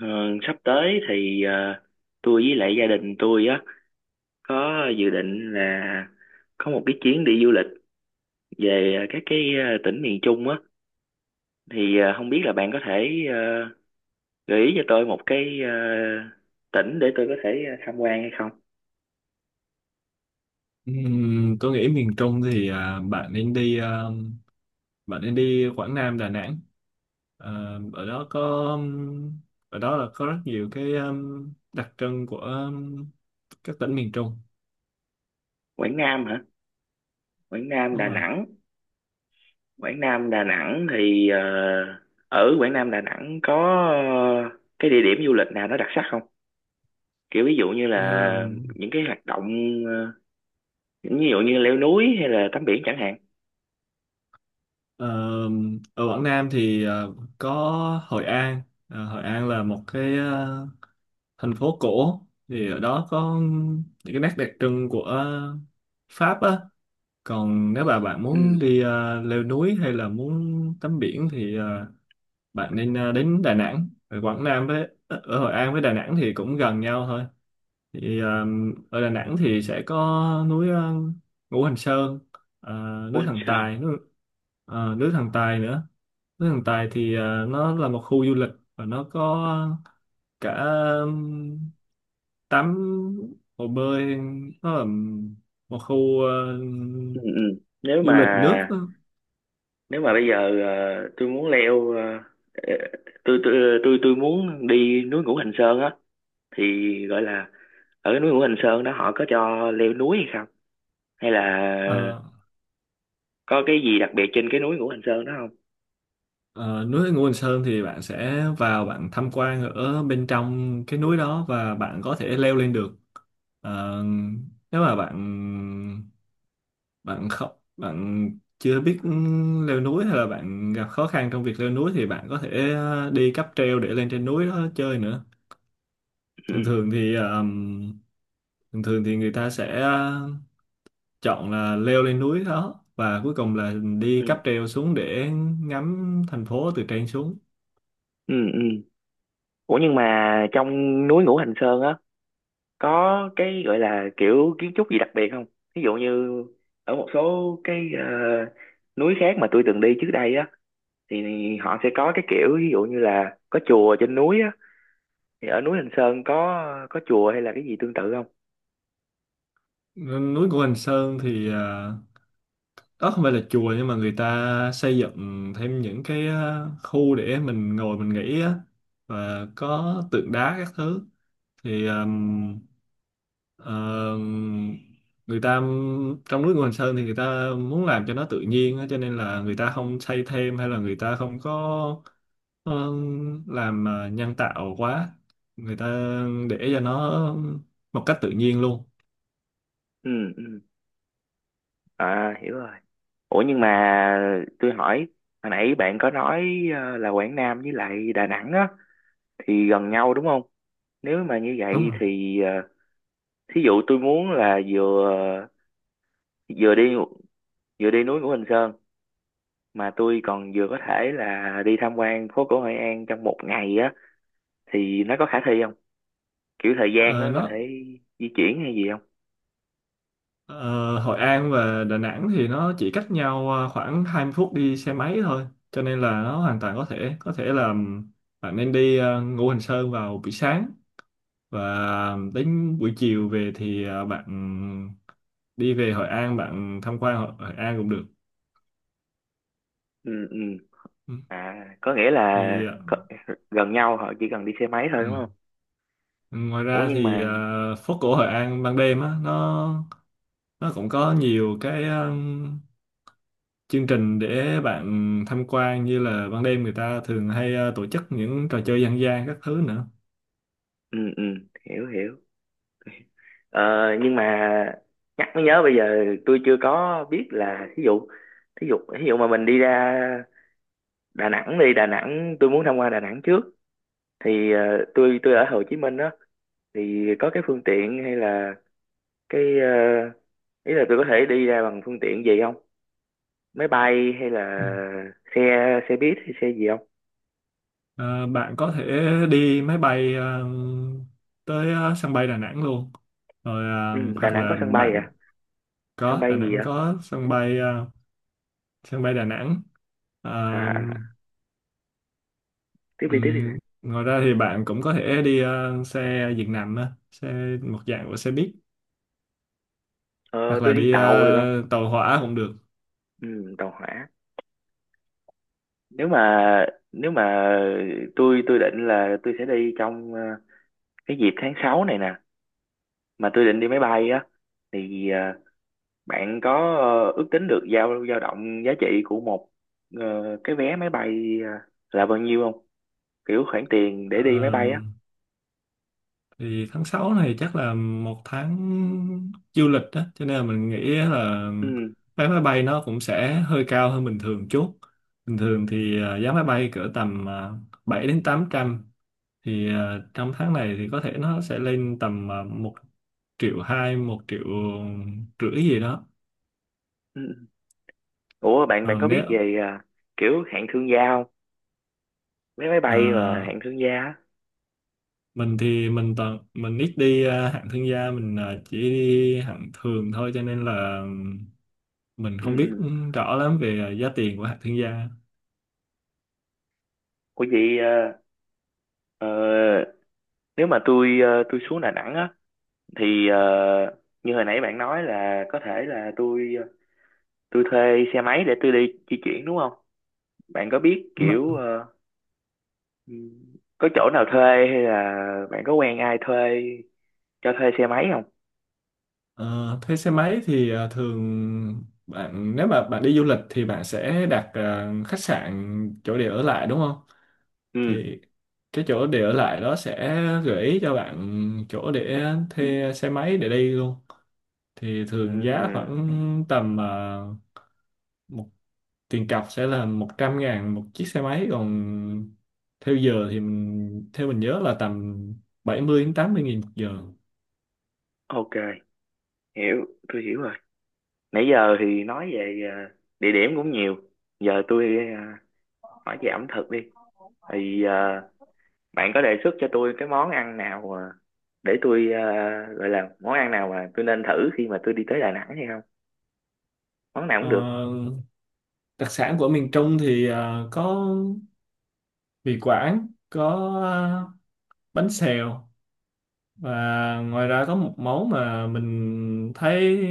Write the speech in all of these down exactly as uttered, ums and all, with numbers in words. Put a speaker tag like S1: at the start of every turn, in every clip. S1: Ờ, Sắp tới thì ờ, tôi với lại gia đình tôi á có dự định là có một cái chuyến đi du lịch về ờ, các cái ờ, tỉnh miền Trung á, thì ờ, không biết là bạn có thể ờ, gợi ý cho tôi một cái ờ, tỉnh để tôi có thể ờ, tham quan hay không?
S2: Ừm, tôi nghĩ miền Trung thì à, bạn nên đi à, bạn nên đi Quảng Nam Đà Nẵng. À, ở đó có ừm, ở đó là có rất nhiều cái ừm, đặc trưng của ừm, các tỉnh miền Trung.
S1: Quảng Nam hả? Quảng Nam
S2: Đúng
S1: Đà
S2: rồi.
S1: Nẵng. Quảng Nam Đà Nẵng thì ờ, ở Quảng Nam Đà Nẵng có ờ, cái địa điểm du lịch nào nó đặc sắc không? Kiểu ví dụ như là
S2: Ừm,
S1: những cái hoạt động, ờ, ví dụ như leo núi hay là tắm biển chẳng hạn.
S2: ờm, ở Quảng Nam thì à, có Hội An. À, Hội An là một cái à, thành phố cổ, thì ở đó có ừm, những cái nét đặc trưng của Pháp á. Còn nếu mà bạn muốn
S1: Ừ,
S2: đi ờ, leo núi hay là muốn tắm biển thì ờ, bạn nên ờ, đến Đà Nẵng. Ở Quảng Nam với ờ, ở Hội An với Đà Nẵng thì cũng gần nhau thôi. Thì ờ, ở Đà Nẵng thì sẽ có núi ờ, Ngũ Hành Sơn, ờ, núi
S1: quên
S2: Thần
S1: sao.
S2: Tài, núi, ờ, núi Thần Tài nữa. Núi Thần Tài thì ờ, nó là một khu du lịch và nó có cả ừm, tắm hồ bơi, nó là một khu
S1: Ừ, ừ. nếu
S2: du
S1: mà
S2: lịch nước á.
S1: nếu mà bây giờ, ờ, tôi muốn leo, ờ, ờ, tôi tôi tôi tôi muốn đi núi Ngũ Hành Sơn á, thì gọi là ở núi Ngũ Hành Sơn đó họ có cho leo núi hay không, hay là
S2: ờ,
S1: có cái gì đặc biệt trên cái núi Ngũ Hành Sơn đó không?
S2: ờ, Núi Ngũ Hành Sơn thì bạn sẽ vào bạn tham quan ở bên trong cái núi đó và bạn có thể leo lên được. Ờ, nếu mà bạn bạn không bạn chưa biết leo núi hay là bạn gặp khó khăn trong việc leo núi thì bạn có thể ờ, đi cáp treo để lên trên núi đó chơi nữa. thường
S1: Ừ,
S2: thường thì ờm, Thường thường thì người ta sẽ ờ, chọn là leo lên núi đó và cuối cùng là đi
S1: ừ,
S2: cáp treo xuống để ngắm thành phố từ trên xuống.
S1: ừ, ừ. Ủa nhưng mà trong núi Ngũ Hành Sơn á có cái gọi là kiểu kiến trúc gì đặc biệt không? Ví dụ như ở một số cái ờ, núi khác mà tôi từng đi trước đây á, thì họ sẽ có cái kiểu ví dụ như là có chùa trên núi á, thì ở núi Hình Sơn có có chùa hay là cái gì tương tự không?
S2: Núi của Quỳnh Sơn thì à, đó không phải là chùa nhưng mà người ta xây dựng thêm những cái à, khu để mình ngồi mình nghỉ á, và có tượng đá các thứ. Thì ừm, ờm, người ta Trong núi Quỳnh Sơn thì người ta muốn làm cho nó tự nhiên á, cho nên là người ta không xây thêm hay là người ta không có ừm, làm à, nhân tạo quá, người ta để cho nó một cách tự nhiên luôn.
S1: Ừ, ừ. À, hiểu rồi. Ủa nhưng mà tôi hỏi, hồi nãy bạn có nói ờ, là Quảng Nam với lại Đà Nẵng á thì gần nhau đúng không? Nếu mà như
S2: Đúng
S1: vậy
S2: rồi.
S1: thì ờ, thí dụ tôi muốn là vừa vừa đi vừa đi núi của Hình Sơn mà tôi còn vừa có thể là đi tham quan phố cổ Hội An trong một ngày á, thì nó có khả thi không, kiểu thời gian
S2: Ờ,
S1: nó có thể
S2: nó
S1: di chuyển hay gì không?
S2: Ờ, Hội An và Đà Nẵng thì nó chỉ cách nhau ờ, khoảng hai mươi phút đi xe máy thôi, cho nên là nó hoàn toàn có thể có thể là bạn nên đi ờ, Ngũ Hành Sơn vào buổi sáng, và đến buổi chiều về thì ờ, bạn đi về Hội An bạn tham quan Hội, Hội An cũng được.
S1: Ừ, ừ.
S2: Ừ.
S1: À, có nghĩa là
S2: thì ờ,
S1: có, gần nhau họ chỉ cần đi xe máy thôi
S2: ừ.
S1: đúng không?
S2: Ngoài
S1: Ủa
S2: ra
S1: nhưng
S2: thì
S1: mà,
S2: ờ, phố cổ Hội An ban đêm á, nó nó cũng có nhiều cái ờ, chương trình để bạn tham quan, như là ban đêm người ta thường hay ờ, tổ chức những trò chơi dân gian các thứ nữa.
S1: ừ, ừ, hiểu, hiểu. ờ, nhưng mà nhắc mới nhớ, bây giờ tôi chưa có biết là thí dụ thí dụ thí dụ mà mình đi ra Đà Nẵng đi Đà Nẵng, tôi muốn tham quan Đà Nẵng trước thì ờ, tôi tôi ở Hồ Chí Minh đó, thì có cái phương tiện hay là cái, uh, ý là tôi có thể đi ra bằng phương tiện gì không? Máy bay hay là
S2: Ừ.
S1: xe xe buýt hay xe gì không?
S2: Ờ, bạn có thể đi máy bay ờ, tới ờ, sân bay Đà Nẵng luôn. Rồi ờ,
S1: Ừ, Đà
S2: hoặc
S1: Nẵng có
S2: là
S1: sân bay
S2: bạn
S1: à? Sân
S2: có Đà
S1: bay gì
S2: Nẵng
S1: à?
S2: có sân bay ờ, sân bay Đà Nẵng.
S1: à
S2: Ờ,
S1: à, Tiếp đi, tiếp đi.
S2: ừm, Ngoài ra thì bạn cũng có thể đi ờ, xe giường nằm á, xe một dạng của xe buýt,
S1: ờ,
S2: hoặc là
S1: tôi đi
S2: đi
S1: tàu được không?
S2: ờ, tàu hỏa cũng được.
S1: Ừ, tàu hỏa. Nếu mà nếu mà tôi tôi định là tôi sẽ đi trong ờ, cái dịp tháng sáu này nè, mà tôi định đi máy bay á, thì ờ, bạn có ờ, ước tính được dao dao động giá trị của một ờ, cái vé máy bay ờ, là bao nhiêu không? Kiểu khoản tiền để đi máy
S2: Ờ,
S1: bay á.
S2: thì tháng sáu này chắc là một tháng du lịch đó, cho nên là mình nghĩ là
S1: Ừ.
S2: vé máy bay nó cũng sẽ hơi cao hơn bình thường chút. Bình thường thì à, giá máy bay cỡ tầm à, bảy đến tám trăm, thì à, trong tháng này thì có thể nó sẽ lên tầm à, một triệu hai một triệu rưỡi gì đó.
S1: Ừ. Ủa bạn bạn
S2: Ờ,
S1: có
S2: nếu
S1: biết về à, kiểu hạng thương gia không? Vé máy bay mà
S2: à,
S1: hạng thương gia á.
S2: mình thì mình toàn mình ít đi à, hạng thương gia, mình à, chỉ đi hạng thường thôi cho nên là mình
S1: Ừ.
S2: không biết
S1: Ừ.
S2: ừ, rõ lắm về ờ, giá tiền của hạt thương gia.
S1: Ủa vậy ờ, ờ, nếu mà tôi, ờ, tôi xuống Đà Nẵng á, thì ờ, như hồi nãy bạn nói là có thể là tôi ờ, tôi thuê xe máy để tôi đi di chuyển đúng không? Bạn có biết
S2: Đúng rồi.
S1: kiểu ờ, ừ, có chỗ nào thuê, hay là bạn có quen ai thuê cho thuê xe máy không?
S2: Ờ, thuê xe máy thì ờ, thường bạn nếu mà bạn đi du lịch thì bạn sẽ đặt ờ, khách sạn chỗ để ở lại đúng không,
S1: Ừ.
S2: thì cái chỗ để ở lại đó sẽ gợi ý cho bạn chỗ để thuê xe máy để đi luôn. Thì thường giá
S1: Ừ.
S2: khoảng tầm ờ, một tiền cọc sẽ là một trăm ngàn một chiếc xe máy, còn theo giờ thì mình theo mình nhớ là tầm bảy mươi đến tám mươi nghìn một giờ.
S1: OK, hiểu tôi hiểu rồi. Nãy giờ thì nói về ờ, địa điểm cũng nhiều, giờ tôi ờ, hỏi về ẩm thực đi. Thì ờ, bạn có đề xuất cho tôi cái món ăn nào ờ, để tôi ờ, gọi là món ăn nào mà tôi nên thử khi mà tôi đi tới Đà Nẵng hay không? Món nào cũng được.
S2: Ờ, đặc sản của miền Trung thì ờ, có mì Quảng, có ờ, bánh xèo, và ngoài ra có một món mà mình thấy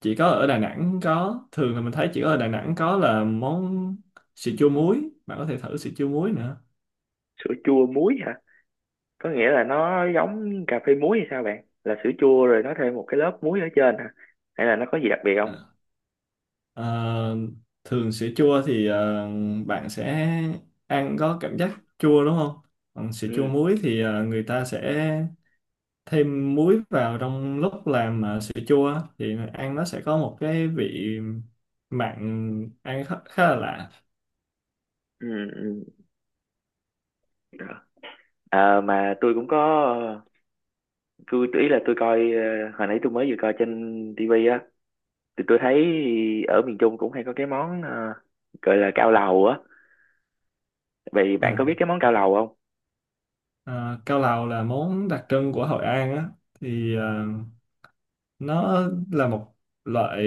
S2: chỉ có ở Đà Nẵng có, thường là mình thấy chỉ có ở Đà Nẵng có, là món sữa chua muối. Bạn có thể thử sữa chua muối nữa.
S1: Sữa chua muối hả? Có nghĩa là nó giống cà phê muối hay sao bạn, là sữa chua rồi nó thêm một cái lớp muối ở trên hả, hay là nó có gì đặc biệt không?
S2: Ờ, thường sữa chua thì ờ, bạn sẽ ăn có cảm giác chua đúng không? Còn sữa chua
S1: Ừ,
S2: muối thì ờ, người ta sẽ thêm muối vào trong lúc làm ờ, sữa chua á, thì ăn nó sẽ có một cái vị mặn, ăn khá, khá là lạ.
S1: ừ, ừ. Ờ, mà tôi cũng có, ờ, tôi ý là tôi coi, ờ, hồi nãy tôi mới vừa coi trên tivi, thì tôi thấy ở miền Trung cũng hay có cái món ờ, gọi là cao lầu á. Vậy bạn
S2: à,
S1: có biết cái món cao lầu không?
S2: ờ, Cao lầu là món đặc trưng của Hội An á, thì ờ, nó là một loại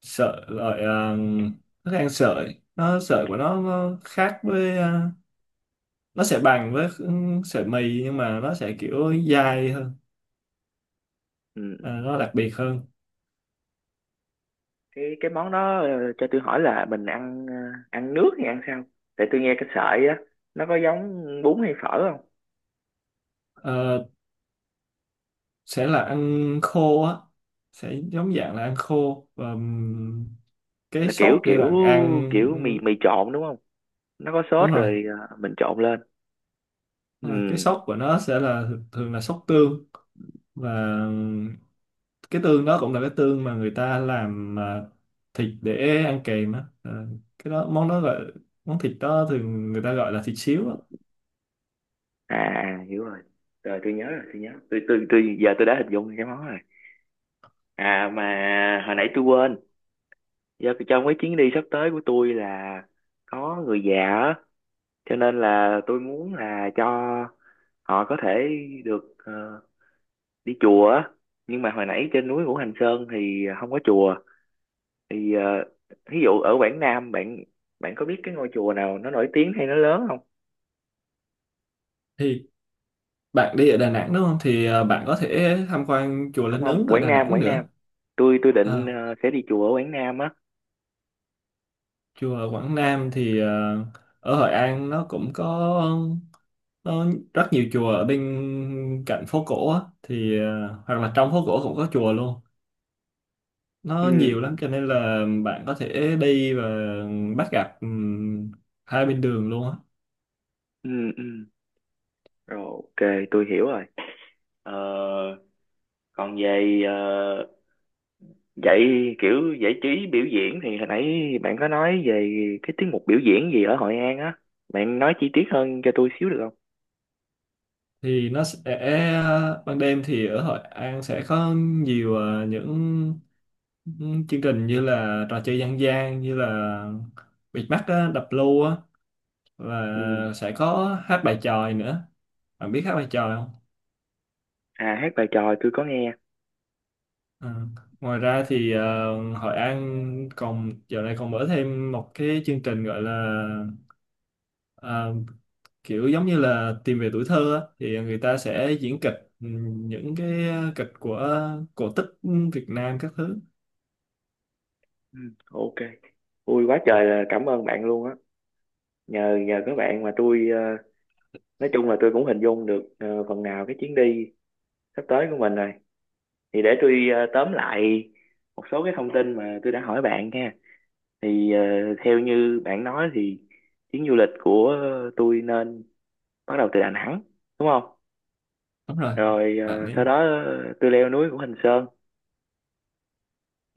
S2: sợi loại ờ, thức ăn sợi, nó sợi của nó, nó khác với ờ, nó sẽ bằng với ừ, sợi mì nhưng mà nó sẽ kiểu dai hơn,
S1: Ừ.
S2: ờ,
S1: Ừ.
S2: nó đặc biệt hơn.
S1: cái cái món đó, ờ, cho tôi hỏi là mình ăn, ờ, ăn nước hay ăn sao? Tại tôi nghe cái sợi á, nó có giống bún hay phở không?
S2: Ờ, sẽ là ăn khô á, sẽ giống dạng là ăn khô và ừm, cái
S1: Là kiểu
S2: sốt để
S1: kiểu
S2: bạn
S1: kiểu mì
S2: ăn.
S1: mì trộn đúng không? Nó có sốt
S2: Đúng rồi,
S1: rồi, ờ, mình trộn lên.
S2: đúng rồi. Cái
S1: Ừ.
S2: sốt của nó sẽ là thường là sốt tương, và cái tương đó cũng là cái tương mà người ta làm à, thịt để ăn kèm á. Ờ, cái đó món đó gọi, món thịt đó thường người ta gọi là thịt xíu á.
S1: À à, hiểu rồi, rồi tôi nhớ rồi, tôi nhớ tôi tôi tôi giờ tôi đã hình dung cái món rồi. À mà hồi nãy tôi quên, do trong cái chuyến đi sắp tới của tôi là có người già á, cho nên là tôi muốn là cho họ có thể được ờ, đi chùa á. Nhưng mà hồi nãy trên núi Ngũ Hành Sơn thì không có chùa, thì ờ, ví dụ ở Quảng Nam, bạn bạn có biết cái ngôi chùa nào nó nổi tiếng hay nó lớn không?
S2: Thì bạn đi ở Đà Nẵng đúng không, thì à, bạn có thể tham quan chùa
S1: Không,
S2: Linh
S1: không,
S2: Ứng ở
S1: Quảng
S2: Đà
S1: Nam,
S2: Nẵng
S1: Quảng Nam,
S2: nữa.
S1: tôi tôi
S2: À,
S1: định ờ, sẽ đi chùa ở Quảng Nam á.
S2: chùa Quảng Nam thì ờ, ở Hội An nó cũng có, nó rất nhiều chùa ở bên cạnh phố cổ á, thì ờ, hoặc là trong phố cổ cũng có chùa luôn. Nó
S1: Ừ,
S2: nhiều lắm cho nên là bạn có thể đi và bắt gặp ừm, hai bên đường luôn á.
S1: ừ, ừ. Rồi, OK, tôi hiểu rồi. Ờ, Còn về ờ, vậy, kiểu giải trí biểu diễn thì hồi nãy bạn có nói về cái tiết mục biểu diễn gì ở Hội An á. Bạn nói chi tiết hơn cho tôi xíu được không?
S2: Thì nó sẽ Ban đêm thì ở Hội An sẽ có nhiều ờ, những những chương trình như là trò chơi dân gian, như là bịt mắt á, đập lô á, và
S1: Ừ.
S2: sẽ có hát bài chòi nữa. Bạn biết hát bài chòi không?
S1: À, hát bài tròi tôi có nghe.
S2: Ờ. Ngoài ra thì ờ, Hội An còn giờ này còn mở thêm một cái chương trình gọi là ờ, kiểu giống như là tìm về tuổi thơ á, thì người ta sẽ diễn kịch, ừm, những cái ờ, kịch của cổ tích Việt Nam các thứ.
S1: Ừ, OK. Vui quá trời, là cảm ơn bạn luôn á. Nhờ nhờ các bạn mà tôi ờ, nói chung là tôi cũng hình dung được ờ, phần nào cái chuyến đi sắp tới của mình rồi. Thì để tôi ờ, tóm lại một số cái thông tin mà tôi đã hỏi bạn nha. Thì ờ, theo như bạn nói thì chuyến du lịch của tôi nên bắt đầu từ Đà Nẵng đúng không?
S2: Đúng rồi,
S1: Rồi
S2: bạn
S1: ờ, sau
S2: nên,
S1: đó ờ, tôi leo núi của Hình Sơn,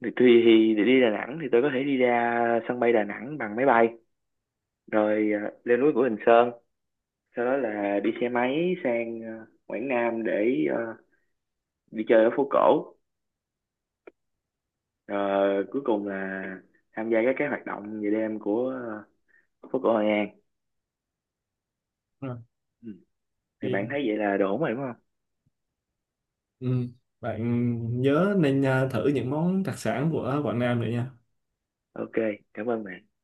S1: thì tôi, thì để đi Đà Nẵng thì tôi có thể đi ra sân bay Đà Nẵng bằng máy bay, rồi ờ, leo núi của Hình Sơn, sau đó là đi xe máy sang ờ, Quảng Nam để ờ, đi chơi ở phố cổ, rồi cuối cùng là tham gia các cái hoạt động về đêm của ờ, phố cổ Hội An.
S2: đúng rồi.
S1: Ừ. Thì
S2: Thì,
S1: bạn thấy vậy là đủ rồi đúng không?
S2: ừm, Bạn nhớ nên ờ, thử những món đặc sản của Quảng Nam nữa nha.
S1: OK, cảm ơn bạn.